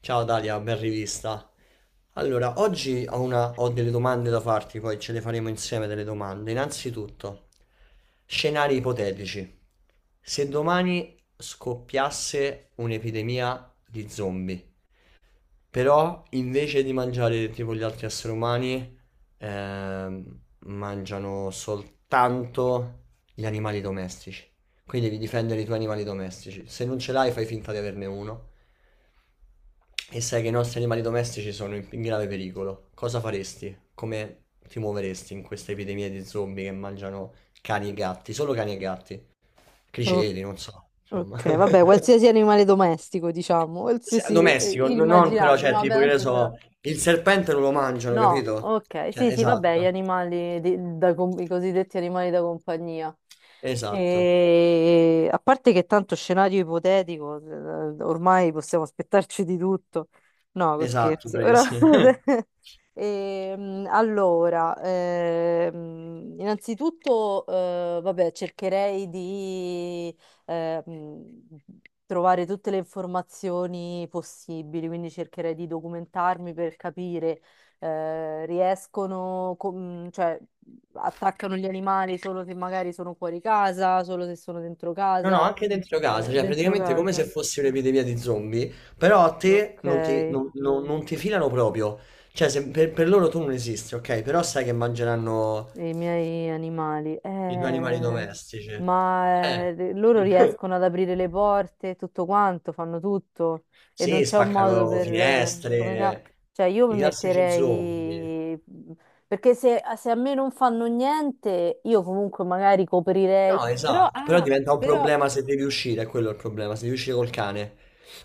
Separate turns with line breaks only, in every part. Ciao Dalia, ben rivista. Allora, oggi ho delle domande da farti, poi ce le faremo insieme delle domande. Innanzitutto, scenari ipotetici. Se domani scoppiasse un'epidemia di zombie, però invece di mangiare tipo gli altri esseri umani, mangiano soltanto gli animali domestici. Quindi devi difendere i tuoi animali domestici. Se non ce l'hai, fai finta di averne uno e sai che i nostri animali domestici sono in grave pericolo, cosa faresti? Come ti muoveresti in questa epidemia di zombie che mangiano cani e gatti? Solo cani e gatti,
O-
criceti, non so, insomma.
ok, vabbè, qualsiasi animale domestico, diciamo, qualsiasi
Domestico, no- non però,
immaginabile.
cioè,
No, vabbè,
tipo che ne
tanto ce l'ho.
so, il serpente non lo mangiano,
No,
capito?
ok,
Cioè,
sì, sì, vabbè, gli
esatto,
animali, i cosiddetti animali da compagnia.
esatto,
E a parte che tanto scenario ipotetico, ormai possiamo aspettarci di tutto. No,
esatto,
scherzo, però.
bravissimo.
Allora, innanzitutto, vabbè, cercherei di ehm, trovare tutte le informazioni possibili, quindi cercherei di documentarmi per capire, riescono, cioè, attaccano gli animali solo se magari sono fuori casa, solo se sono dentro
No, no,
casa,
anche dentro casa, cioè
dentro
praticamente come se
casa.
fossi un'epidemia di zombie, però a te
Ok.
non ti filano proprio, cioè per loro tu non esisti, ok? Però sai che mangeranno
I miei animali.
i tuoi animali domestici.
Ma loro riescono ad aprire le porte, tutto quanto, fanno tutto e non
Sì,
c'è un modo
spaccano
per.
finestre,
Cioè, io mi
i classici zombie.
metterei. Perché se a me non fanno niente, io comunque magari coprirei.
No,
Però,
esatto, però diventa un
però.
problema se devi uscire, è quello il problema, se devi uscire col cane,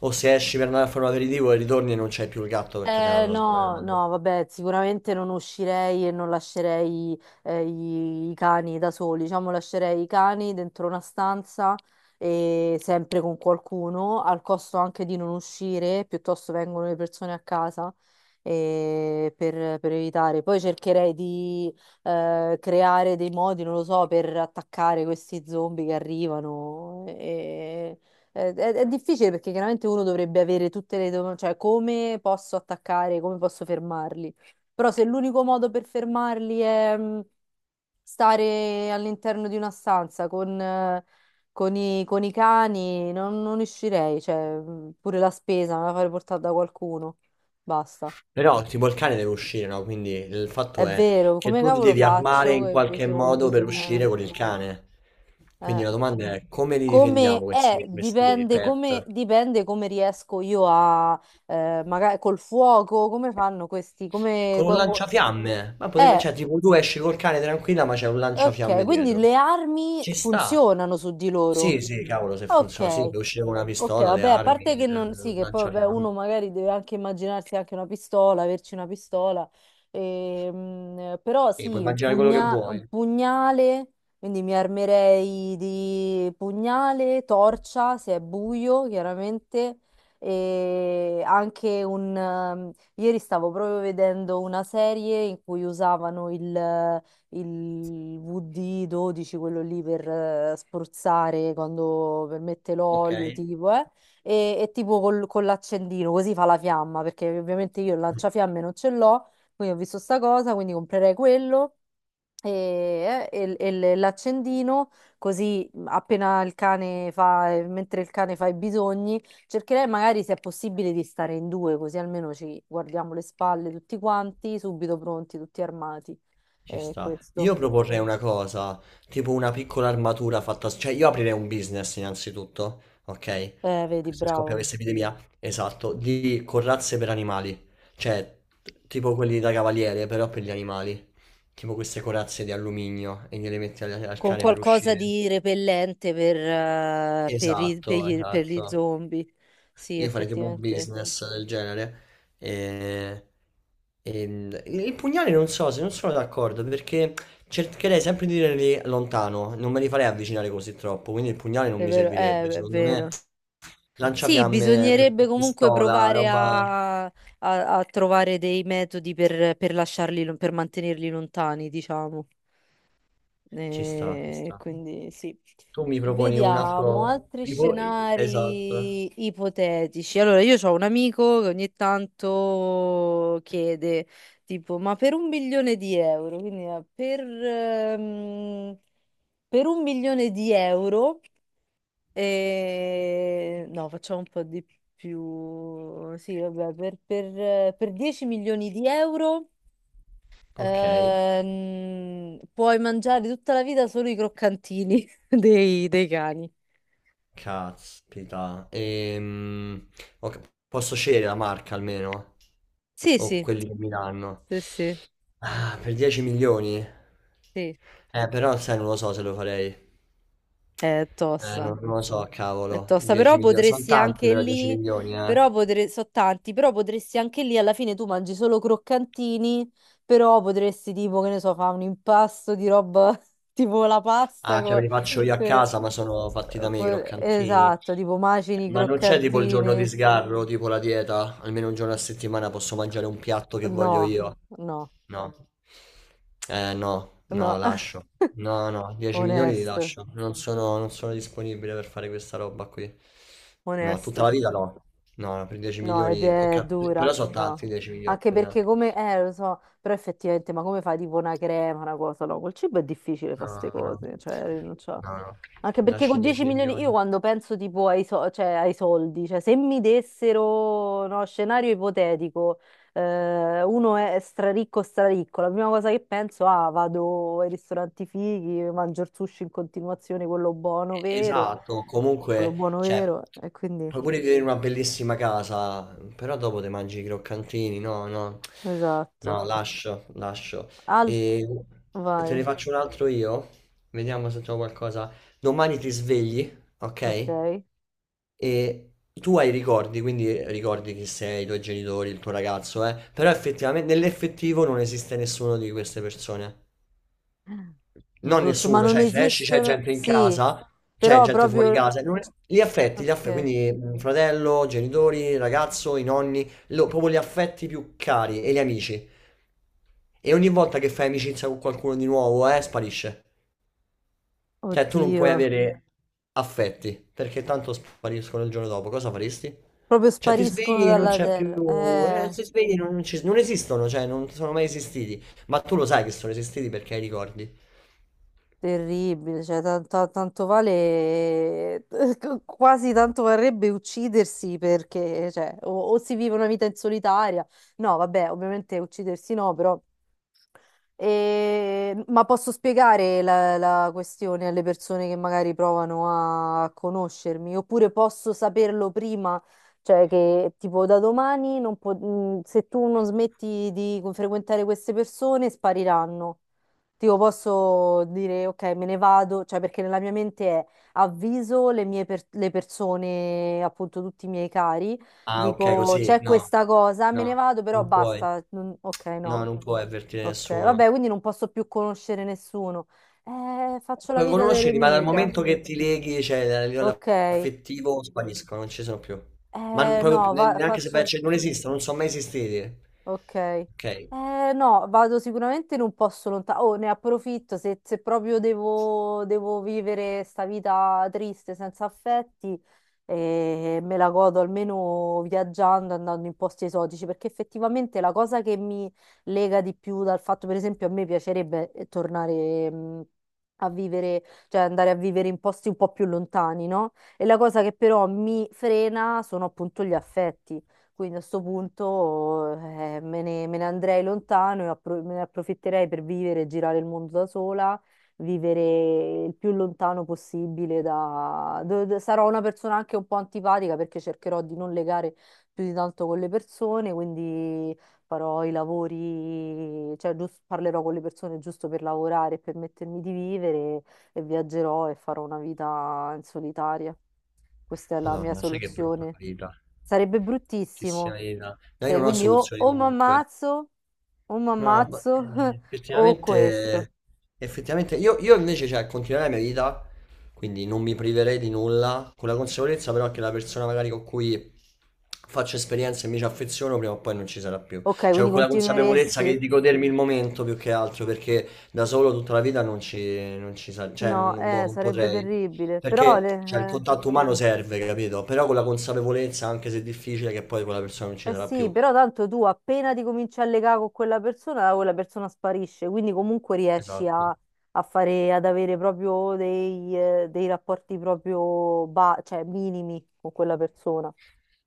o se esci per andare a fare un aperitivo e ritorni e non c'è più il gatto perché te l'hanno
No,
sbranato.
no, vabbè, sicuramente non uscirei e non lascerei i cani da soli, diciamo lascerei i cani dentro una stanza e sempre con qualcuno, al costo anche di non uscire, piuttosto vengono le persone a casa per evitare. Poi cercherei di creare dei modi, non lo so, per attaccare questi zombie che arrivano. È difficile perché chiaramente uno dovrebbe avere tutte le domande, cioè come posso attaccare, come posso fermarli. Però se l'unico modo per fermarli è stare all'interno di una stanza con i cani, non uscirei, cioè pure la spesa me la farei portare da qualcuno. Basta.
Però tipo il cane deve uscire, no? Quindi il
È
fatto è
vero,
che
come
tu ti
cavolo
devi armare
faccio?
in
Che
qualche modo
bisogno.
per uscire con il cane. Quindi
Eh.
la domanda è come li difendiamo
Come è,
questi, questi pet?
dipende come riesco io a, magari col fuoco, come fanno questi, come.
Con un
co- co-
lanciafiamme? Ma potrebbe,
Eh,
cioè, tipo tu esci col cane tranquilla, ma c'è un
ok,
lanciafiamme
quindi
dietro.
le armi
Ci sta.
funzionano su di loro.
Sì, sì, cavolo, se funziona, sì,
Ok.
puoi uscire con una
Ok,
pistola, le
vabbè, a
armi,
parte
il
che non, sì,
il
che poi vabbè,
lanciafiamme.
uno magari deve anche immaginarsi anche una pistola, averci una pistola, però
Sì, puoi
sì,
immaginare quello che
un
vuoi.
pugnale, quindi mi armerei di pugnale, torcia, se è buio, chiaramente, e anche un. Ieri stavo proprio vedendo una serie in cui usavano il VD12, quello lì per spruzzare quando per mette
Ok.
l'olio, tipo, e tipo con l'accendino, così fa la fiamma, perché ovviamente io il lanciafiamme non ce l'ho, quindi ho visto sta cosa, quindi comprerei quello e l'accendino, così appena il cane fa, mentre il cane fa i bisogni, cercherei magari se è possibile di stare in due, così almeno ci guardiamo le spalle tutti quanti, subito pronti, tutti armati.
Ci sta.
Questo.
Io proporrei una cosa, tipo una piccola armatura fatta, cioè io aprirei un business innanzitutto, ok?
Vedi,
Se scoppia
bravo.
questa epidemia, esatto, di corazze per animali, cioè tipo quelli da cavaliere, però per gli animali, tipo queste corazze di alluminio e gliele metti al
Con
cane per
qualcosa
uscire.
di repellente per, eh, per i- per
Esatto,
gli, per gli
esatto.
zombie. Sì,
Io farei tipo un
effettivamente.
business del genere. E, e il pugnale non so, se non sono d'accordo, perché cercherei sempre di tenerli lontano, non me li farei avvicinare così troppo, quindi il pugnale non
È
mi
vero,
servirebbe,
è
secondo me
vero. Sì,
lanciafiamme,
bisognerebbe comunque
pistola,
provare
roba...
a trovare dei metodi per lasciarli, per mantenerli lontani, diciamo.
Ci sta, ci sta.
Quindi sì.
Tu mi proponi un altro...
Vediamo altri
tipo- Esatto.
scenari ipotetici. Allora, io ho un amico che ogni tanto chiede, tipo, ma per un milione di euro, quindi per un milione di euro. No, facciamo un po' di più. Sì, vabbè, per 10 milioni di euro
Ok.
puoi mangiare tutta la vita solo i croccantini dei cani.
Caspita. Ok, posso scegliere la marca almeno?
Sì,
O
sì,
quelli che mi danno?
sì, sì,
Ah, per 10 milioni?
sì.
Però sai, non lo so se lo farei.
È tosta.
Non lo so,
È
cavolo.
tosta,
10
però
milioni. Sono
potresti
tanti
anche
però 10
lì,
milioni, eh.
però potresti, so tanti, però potresti anche lì alla fine tu mangi solo croccantini, però potresti tipo, che ne so, fa un impasto di roba tipo la pasta
Ah, cioè me li faccio io a
eh,
casa, ma sono fatti da me i croccantini.
esatto, tipo macini,
Ma non c'è tipo il giorno di
croccantini.
sgarro, tipo la dieta? Almeno un giorno a settimana posso mangiare un piatto che voglio
No,
io.
no,
No. Eh no, no,
no.
lascio. No, no, 10 milioni li
Onesto,
lascio. Non sono disponibile per fare questa roba qui. No, tutta la
onesto.
vita no. No, no, per 10
No, ed
milioni.
è
Ok, però
dura,
sono
no.
tanti 10 milioni,
Anche
eh.
perché come, lo so, però effettivamente, ma come fai tipo una crema, una cosa? No, col cibo è difficile fare
No,
queste
no,
cose, cioè rinunciare.
no, no.
Anche perché
Lasci
con
10
10 milioni, io
milioni.
quando penso tipo cioè, ai soldi, cioè se mi dessero, no, scenario ipotetico, uno è straricco, straricco, la prima cosa che penso, vado ai ristoranti fighi, mangio il sushi in continuazione,
Esatto,
quello
comunque,
buono
cioè,
vero,
tu-
e quindi,
puoi pure vivere in una bellissima casa, però dopo te mangi i croccantini, no, no,
esatto.
no, lascio, lascio.
Altro.
E te ne
Vai,
faccio un altro io, vediamo se trovo qualcosa. Domani ti svegli, ok?
ok.
E tu hai ricordi, quindi ricordi chi sei, i tuoi genitori, il tuo ragazzo, eh? Però effettivamente, nell'effettivo non esiste nessuno di queste persone. Non
Brutto, ma
nessuno,
non
cioè se esci c'è
esistono.
gente in
Sì,
casa, c'è
però
gente fuori
proprio.
casa, non è- gli affetti,
Ok.
quindi mm, fratello, genitori, ragazzo, i nonni, lo- proprio gli affetti più cari e gli amici. E ogni volta che fai amicizia con qualcuno di nuovo, sparisce. Cioè tu non
Oddio.
puoi avere affetti, perché tanto spariscono il giorno dopo, cosa faresti?
Proprio
Cioè ti
spariscono
svegli e non
dalla
c'è
terra.
più, ti svegli e non esistono, cioè non sono mai esistiti, ma tu lo sai che sono esistiti perché hai i ricordi.
Terribile. Cioè, tanto, tanto vale. Quasi tanto varrebbe uccidersi perché, cioè, o si vive una vita in solitaria. No, vabbè, ovviamente uccidersi no, però. Ma posso spiegare la questione alle persone che magari provano a conoscermi, oppure posso saperlo prima, cioè che tipo da domani non po- se tu non smetti di frequentare queste persone spariranno. Tipo posso dire ok, me ne vado, cioè perché nella mia mente è avviso le persone, appunto tutti i miei cari,
Ah, ok,
dico
così.
c'è
No,
questa cosa, me ne
no,
vado, però
non puoi.
basta, ok, no.
No, non puoi avvertire
Ok,
nessuno.
vabbè, quindi non posso più conoscere nessuno. Faccio la
Puoi
vita
conoscerli, ma dal
d'eremita.
momento che ti leghi, cioè a livello
Ok.
affettivo, spariscono, non ci sono più. Ma non- proprio più,
No,
neanche se vai a
faccio.
cer- non esistono, non sono mai esistiti.
Ok.
Ok,
No, vado sicuramente in un posto lontano. Oh, ne approfitto se proprio devo vivere sta vita triste, senza affetti, me la godo almeno viaggiando, andando in posti esotici, perché effettivamente la cosa che mi lega di più dal fatto, per esempio, a me piacerebbe tornare, a vivere, cioè andare a vivere in posti un po' più lontani, no? E la cosa che però mi frena sono appunto gli affetti. Quindi a sto punto me ne andrei lontano e me ne approfitterei per vivere e girare il mondo da sola, vivere il più lontano possibile da. Sarò una persona anche un po' antipatica perché cercherò di non legare più di tanto con le persone, quindi farò i lavori, cioè parlerò con le persone giusto per lavorare e permettermi di vivere e viaggerò e farò una vita in solitaria. Questa è la mia
Madonna, sai che brutta
soluzione.
vita.
Sarebbe
Bellissima
bruttissimo.
vita. No, io
Se,
non ho
quindi o,
soluzioni
o mi
comunque.
ammazzo, o mi
No, ma,
ammazzo, o questo.
effettivamente, effettivamente io invece, cioè, continuerei la mia vita, quindi non mi priverei di nulla, con la consapevolezza però che la persona magari con cui faccio esperienza e mi ci affeziono prima o poi non ci sarà più.
Ok,
Cioè,
quindi
con quella consapevolezza
continueresti.
che di godermi il momento più che altro, perché da solo tutta la vita non ci cioè,
No,
boh, non
sarebbe
potrei.
terribile, però
Perché, cioè, il
eh,
contatto umano serve, capito? Però con la consapevolezza, anche se è difficile, che poi quella persona non ci
Eh
sarà
sì,
più.
però tanto tu appena ti cominci a legare con quella persona sparisce, quindi comunque riesci a,
Esatto.
a fare, ad avere proprio dei rapporti proprio cioè minimi con quella persona.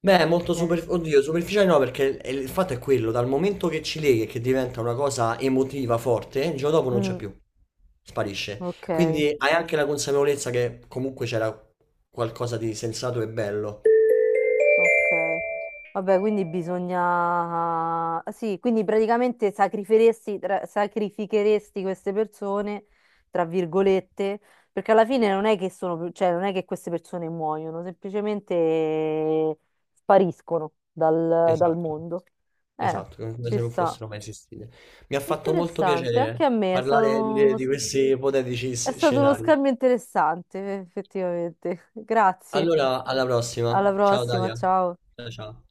Beh, molto
Eh.
super... Oddio, superficiale no, perché il fatto è quello, dal momento che ci leghi e che diventa una cosa emotiva forte, il giorno dopo non c'è
Mm,
più, sparisce.
ok.
Quindi hai anche la consapevolezza che comunque c'era qualcosa di sensato e bello.
Ok. Vabbè, quindi bisogna. Sì, quindi praticamente sacrificheresti, sacrificheresti queste persone, tra virgolette, perché alla fine non è che sono, cioè non è che queste persone muoiono, semplicemente spariscono dal
Esatto,
mondo. Eh,
esatto, come
Ci
se non
sta.
fossero mai esistite. Mi ha fatto molto
Interessante, anche
piacere
a me
parlare di questi ipotetici
è stato uno
scenari.
scambio interessante, effettivamente. Grazie,
Allora, alla prossima.
alla
Ciao
prossima,
Dalia.
ciao.
Ciao ciao.